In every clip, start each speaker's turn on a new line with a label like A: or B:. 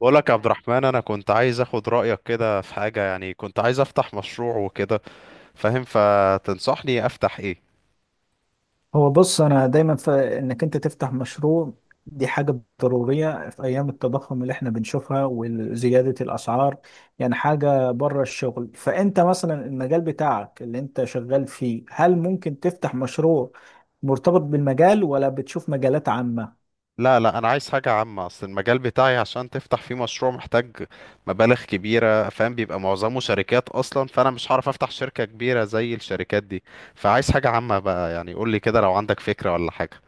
A: بقول لك يا عبد الرحمن، انا كنت عايز اخد رايك كده في حاجه. يعني كنت عايز افتح مشروع وكده، فاهم؟ فتنصحني افتح ايه؟
B: هو، بص. انا دايما في انك انت تفتح مشروع. دي حاجة ضرورية في ايام التضخم اللي احنا بنشوفها وزيادة الاسعار. يعني حاجة بره الشغل. فانت مثلا المجال بتاعك اللي انت شغال فيه، هل ممكن تفتح مشروع مرتبط بالمجال، ولا بتشوف مجالات عامة؟
A: لا لا، انا عايز حاجه عامه. اصل المجال بتاعي عشان تفتح فيه مشروع محتاج مبالغ كبيره، فاهم؟ بيبقى معظمه شركات اصلا، فانا مش هعرف افتح شركه كبيره زي الشركات دي. فعايز حاجه عامه بقى. يعني قول لي كده لو عندك فكره ولا حاجه.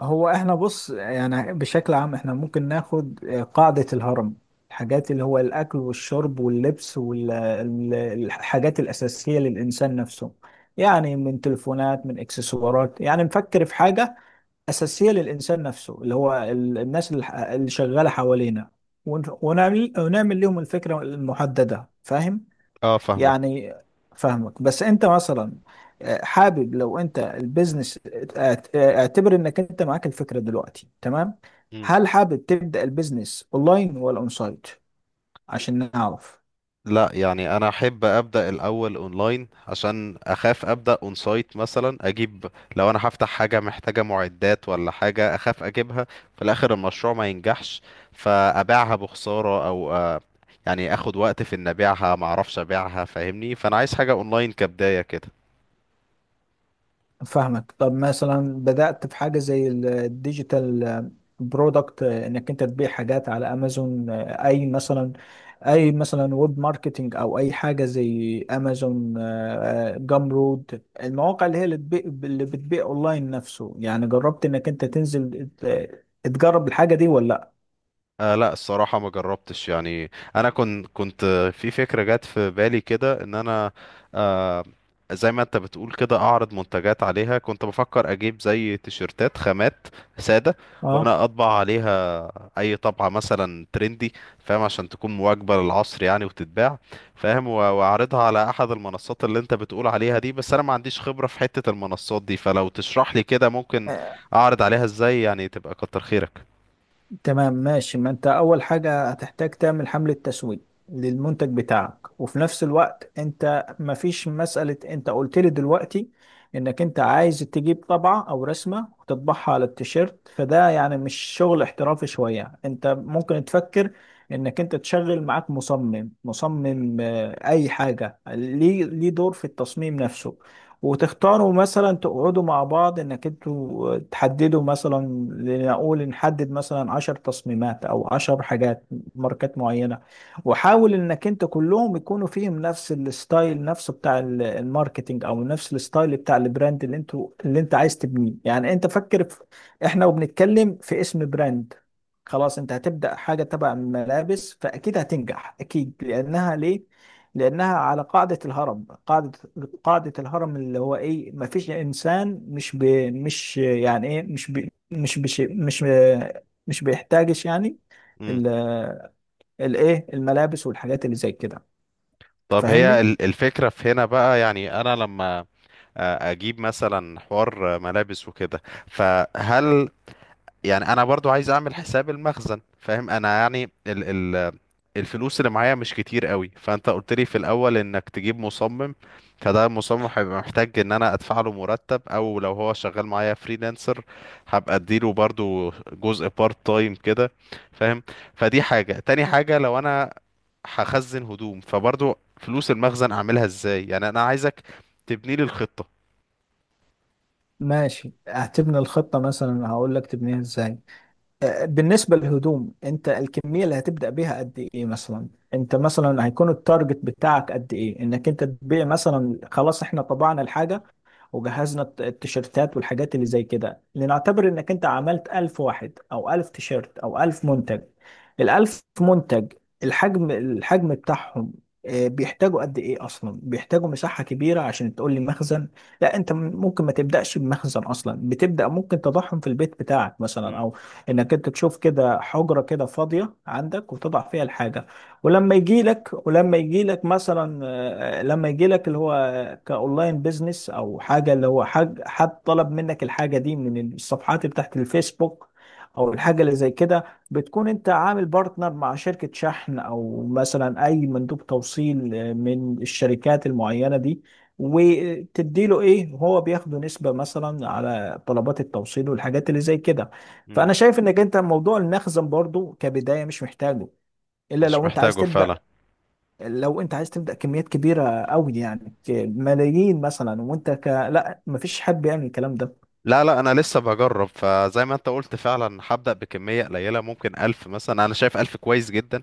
B: هو احنا، بص، يعني بشكل عام احنا ممكن ناخد قاعدة الهرم، الحاجات اللي هو الأكل والشرب واللبس والحاجات الأساسية للإنسان نفسه. يعني من تليفونات، من إكسسوارات، يعني نفكر في حاجة أساسية للإنسان نفسه اللي هو الناس اللي اللي شغالة حوالينا، ونعمل لهم الفكرة المحددة. فاهم؟
A: اه، فاهمك.
B: يعني فاهمك، بس انت مثلا، حابب لو انت البيزنس، اعتبر انك انت معاك الفكرة دلوقتي، تمام. هل حابب تبدأ البيزنس اونلاين ولا اون سايت، عشان نعرف؟
A: لا يعني انا احب ابدا الاول اونلاين، عشان اخاف ابدا اون سايت مثلا اجيب. لو انا هفتح حاجه محتاجه معدات ولا حاجه، اخاف اجيبها في الاخر المشروع ما ينجحش، فابيعها بخساره، او يعني اخد وقت في ان ابيعها، ما اعرفش ابيعها، فاهمني؟ فانا عايز حاجه اونلاين كبدايه كده.
B: فاهمك. طب مثلا بدأت في حاجة زي الديجيتال برودكت، انك انت تبيع حاجات على امازون، اي مثلا ويب ماركتنج، او اي حاجة زي امازون، جامرود، المواقع اللي هي اللي بتبيع اونلاين نفسه. يعني جربت انك انت تنزل تجرب الحاجة دي ولا لا؟
A: آه لا، الصراحة ما جربتش يعني. أنا كنت في فكرة جت في بالي كده، إن أنا آه، زي ما أنت بتقول كده أعرض منتجات عليها. كنت بفكر أجيب زي تيشرتات خامات سادة وأنا أطبع عليها أي طبعة مثلا ترندي، فاهم؟ عشان تكون مواكبة للعصر يعني وتتباع، فاهم؟ و- وأعرضها على أحد المنصات اللي أنت بتقول عليها دي. بس أنا ما عنديش خبرة في حتة المنصات دي، فلو تشرح لي كده ممكن
B: اه.
A: أعرض عليها إزاي، يعني تبقى كتر خيرك.
B: تمام، ماشي. ما انت اول حاجة هتحتاج تعمل حملة تسويق للمنتج بتاعك. وفي نفس الوقت انت مفيش مسألة، انت قلت لي دلوقتي انك انت عايز تجيب طبعة او رسمة وتطبعها على التيشيرت، فده يعني مش شغل احترافي شوية. انت ممكن تفكر انك انت تشغل معاك مصمم، اي حاجة، ليه دور في التصميم نفسه. وتختاروا مثلا، تقعدوا مع بعض انك انتوا تحددوا مثلا، لنقول نحدد مثلا عشر تصميمات او عشر حاجات، ماركات معينة. وحاول انك انت كلهم يكونوا فيهم نفس الستايل نفسه بتاع الماركتينج، او نفس الستايل بتاع البراند اللي انتوا اللي انت عايز تبنيه. يعني انت فكر في، احنا وبنتكلم، في اسم براند. خلاص. انت هتبدأ حاجة تبع الملابس، فاكيد هتنجح، اكيد، لانها ليه؟ لأنها على قاعدة الهرم، قاعدة الهرم اللي هو إيه. ما فيش إنسان مش يعني إيه، مش بيحتاجش يعني ال... الإيه، الملابس والحاجات اللي زي كده.
A: طب هي
B: فاهمني؟
A: الفكرة في هنا بقى، يعني أنا لما أجيب مثلا حوار ملابس وكده، فهل يعني أنا برضو عايز أعمل حساب المخزن، فاهم أنا يعني؟ الفلوس اللي معايا مش كتير قوي. فانت قلت لي في الاول انك تجيب مصمم، فده المصمم هيبقى محتاج ان انا ادفع له مرتب، او لو هو شغال معايا فريلانسر هبقى اديله برضو جزء بارت تايم كده، فاهم؟ فدي حاجة. تاني حاجة، لو انا هخزن هدوم فبرضو فلوس المخزن اعملها ازاي؟ يعني انا عايزك تبني لي الخطة.
B: ماشي. هتبني الخطة مثلا، هقول لك تبنيها إزاي. بالنسبة للهدوم، أنت الكمية اللي هتبدأ بيها قد إيه مثلا؟ أنت مثلا هيكون التارجت بتاعك قد إيه؟ إنك أنت تبيع مثلا، خلاص إحنا طبعنا الحاجة وجهزنا التيشيرتات والحاجات اللي زي كده. لنعتبر انك انت عملت ألف واحد، او ألف تيشيرت، او ألف منتج. الألف منتج، الحجم بتاعهم، بيحتاجوا قد ايه؟ اصلا بيحتاجوا مساحة كبيرة عشان تقول لي مخزن؟ لا. انت ممكن ما تبدأش بمخزن اصلا. بتبدأ، ممكن تضعهم في البيت بتاعك مثلا،
A: مم.
B: او انك انت تشوف كده حجرة كده فاضية عندك وتضع فيها الحاجة. ولما يجي لك ولما يجي لك مثلا آه، لما يجي لك اللي هو كاونلاين بيزنس او حاجه، اللي هو حد طلب منك الحاجه دي من الصفحات بتاعت الفيسبوك او الحاجه اللي زي كده، بتكون انت عامل بارتنر مع شركه شحن، او مثلا اي مندوب توصيل من الشركات المعينه دي. وتديله ايه، هو بياخده نسبه مثلا على طلبات التوصيل والحاجات اللي زي كده.
A: مم.
B: فانا شايف انك انت موضوع المخزن برضو كبدايه مش محتاجه، الا
A: مش
B: لو انت عايز
A: محتاجه فعلا.
B: تبدا. لو انت عايز تبدا كميات كبيره قوي، يعني ملايين مثلا، وانت لا، مفيش حد بيعمل الكلام ده.
A: لا لا، انا لسه بجرب، فزي ما انت قلت فعلا هبدأ بكمية قليلة. ممكن ألف مثلا، انا شايف ألف كويس جدا،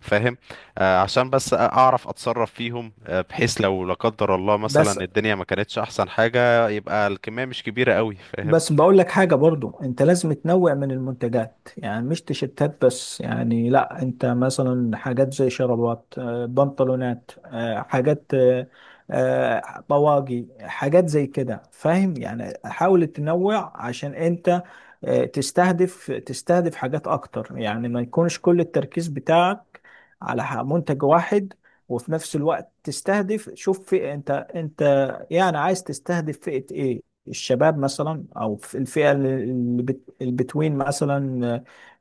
A: فاهم؟ عشان بس اعرف اتصرف فيهم. بحيث لو لا قدر الله
B: بس
A: مثلا الدنيا ما كانتش احسن حاجة، يبقى الكمية مش كبيرة قوي، فاهم؟
B: بس بقول لك حاجه: برضو انت لازم تنوع من المنتجات، يعني مش تيشيرتات بس. يعني لا، انت مثلا حاجات زي شرابات، بنطلونات، حاجات، طواقي، حاجات زي كده. فاهم؟ يعني حاول تنوع عشان انت تستهدف حاجات اكتر. يعني ما يكونش كل التركيز بتاعك على منتج واحد. وفي نفس الوقت تستهدف، شوف فئة، انت يعني عايز تستهدف فئة ايه؟ الشباب مثلا، او في الفئة اللي البتوين مثلا،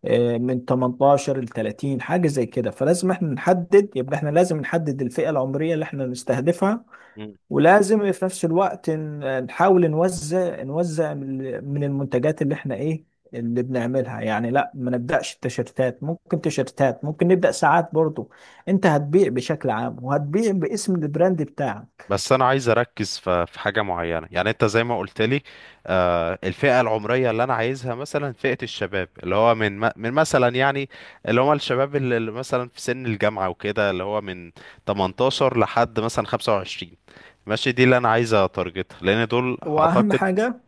B: من 18 ل 30، حاجة زي كده. فلازم احنا نحدد، يبقى احنا لازم نحدد الفئة العمرية اللي احنا نستهدفها.
A: مم.
B: ولازم في نفس الوقت نحاول نوزع من المنتجات اللي احنا ايه اللي بنعملها. يعني لا، ما نبدأش التيشيرتات، ممكن تيشيرتات، ممكن نبدأ ساعات برضو. انت هتبيع بشكل عام، وهتبيع باسم البراند بتاعك.
A: بس انا عايز اركز في حاجة معينة. يعني انت زي ما قلت لي الفئة العمرية اللي انا عايزها مثلا فئة الشباب، اللي هو من من مثلا يعني، اللي هم الشباب اللي مثلا في سن الجامعة وكده، اللي هو من 18 لحد مثلا 25، ماشي؟ دي اللي انا عايز اتارجتها لان دول
B: واهم
A: اعتقد
B: حاجة،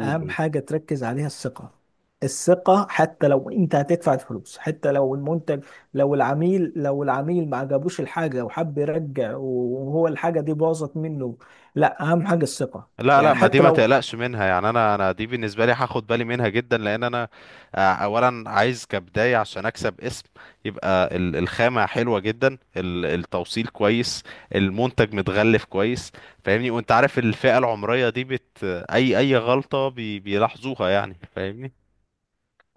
B: اهم حاجة تركز عليها: الثقة. الثقة حتى لو انت هتدفع الفلوس، حتى لو المنتج، لو العميل ما عجبوش الحاجة وحب يرجع، وهو الحاجة دي باظت منه، لا، اهم حاجة الثقة.
A: لا لا،
B: يعني
A: ما دي
B: حتى
A: ما
B: لو،
A: تقلقش منها يعني. انا دي بالنسبه لي هاخد بالي منها جدا، لان انا اولا عايز كبدايه عشان اكسب اسم. يبقى الخامه حلوه جدا، التوصيل كويس، المنتج متغلف كويس، فاهمني؟ وانت عارف الفئه العمريه دي بت اي اي غلطه بي بيلاحظوها، يعني فاهمني؟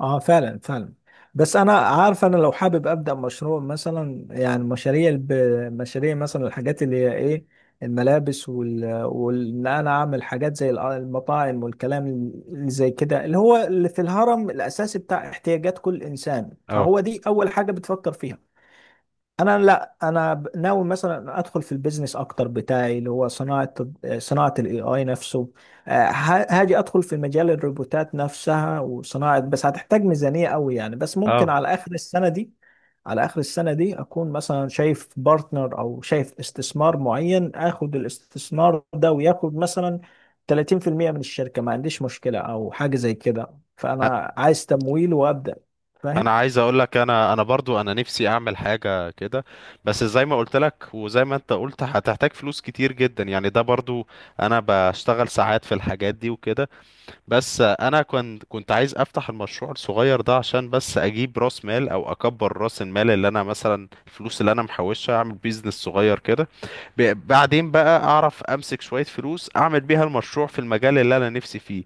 B: اه، فعلا فعلا. بس انا عارف، انا لو حابب ابدا مشروع مثلا، يعني مشاريع مثلا، الحاجات اللي هي ايه، الملابس وان انا اعمل حاجات زي المطاعم والكلام اللي زي كده، اللي هو اللي في الهرم الاساسي بتاع احتياجات كل انسان، فهو
A: اه
B: دي اول حاجة بتفكر فيها. انا لا، انا ناوي مثلا ادخل في البيزنس اكتر بتاعي اللي هو صناعه، الاي اي نفسه. هاجي ادخل في مجال الروبوتات نفسها وصناعه، بس هتحتاج ميزانيه قوي. يعني بس ممكن
A: اه،
B: على اخر السنه دي، اكون مثلا شايف بارتنر او شايف استثمار معين، اخد الاستثمار ده وياخد مثلا 30% من الشركه، ما عنديش مشكله او حاجه زي كده. فانا عايز تمويل وابدا،
A: انا
B: فاهم.
A: عايز اقول لك انا، انا برضو انا نفسي اعمل حاجه كده. بس زي ما قلت لك وزي ما انت قلت، هتحتاج فلوس كتير جدا، يعني ده برضو. انا بشتغل ساعات في الحاجات دي وكده. بس انا كنت عايز افتح المشروع الصغير ده عشان بس اجيب راس مال، او اكبر راس المال اللي انا مثلا الفلوس اللي انا محوشها اعمل بيزنس صغير كده. بعدين بقى اعرف امسك شويه فلوس اعمل بيها المشروع في المجال اللي انا نفسي فيه،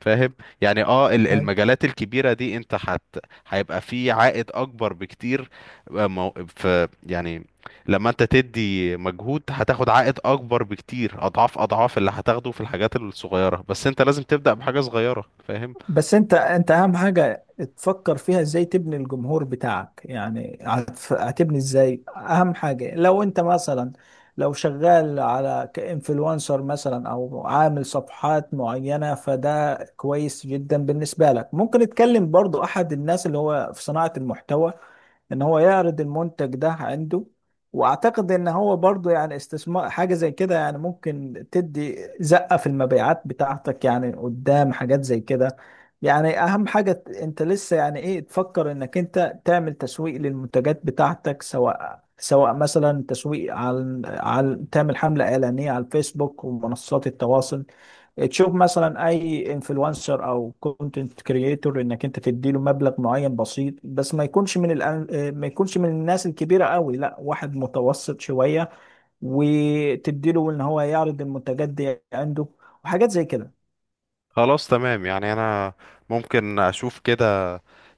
A: فاهم؟ يعني اه، المجالات الكبيرة دي انت حت، هيبقى في عائد اكبر بكتير. آه، مو- ف يعني لما انت تدي مجهود هتاخد عائد اكبر بكتير، اضعاف اضعاف اللي هتاخده في الحاجات الصغيرة. بس انت لازم تبدأ بحاجة صغيرة، فاهم؟
B: بس انت، اهم حاجة تفكر فيها ازاي تبني الجمهور بتاعك، يعني هتبني ازاي. اهم حاجة لو انت مثلا، لو شغال على كإنفلونسر مثلا او عامل صفحات معينة، فده كويس جدا بالنسبة لك. ممكن تكلم برضو احد الناس اللي هو في صناعة المحتوى ان هو يعرض المنتج ده عنده. واعتقد ان هو برضو يعني استثمار، حاجة زي كده يعني ممكن تدي زقة في المبيعات بتاعتك، يعني قدام حاجات زي كده. يعني اهم حاجة انت لسه يعني ايه، تفكر انك انت تعمل تسويق للمنتجات بتاعتك، سواء مثلا تسويق على تعمل حملة إعلانية على الفيسبوك ومنصات التواصل. تشوف مثلا اي انفلونسر او كونتنت كرييتور، انك انت تديله مبلغ معين بسيط، بس ما يكونش من ما يكونش من الناس الكبيره قوي، لا واحد متوسط شويه، وتديله ان هو يعرض المنتجات دي عنده وحاجات زي كده.
A: خلاص تمام. يعني انا ممكن اشوف كده.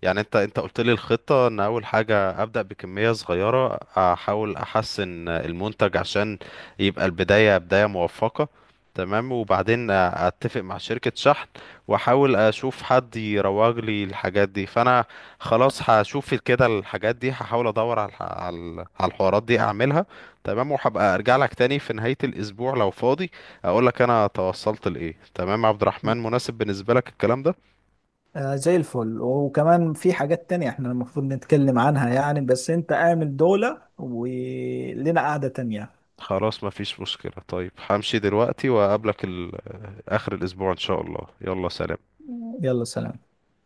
A: يعني انت، انت قلت لي الخطة ان اول حاجة ابدأ بكمية صغيرة، احاول احسن المنتج عشان يبقى البداية بداية موفقة. تمام. وبعدين اتفق مع شركة شحن، واحاول اشوف حد يروج لي الحاجات دي. فانا خلاص هشوف كده الحاجات دي. هحاول ادور على على الحوارات دي اعملها. تمام. وهبقى ارجع لك تاني في نهاية الاسبوع لو فاضي، اقول لك انا توصلت لايه. تمام يا عبد الرحمن، مناسب بالنسبة لك الكلام ده؟
B: آه، زي الفل. وكمان في حاجات تانية احنا المفروض نتكلم عنها، يعني بس انت اعمل دولة ولنا قعدة تانية.
A: خلاص مفيش مشكلة. طيب همشي دلوقتي وأقابلك آخر الأسبوع إن شاء الله. يلا سلام.
B: يلا، سلام.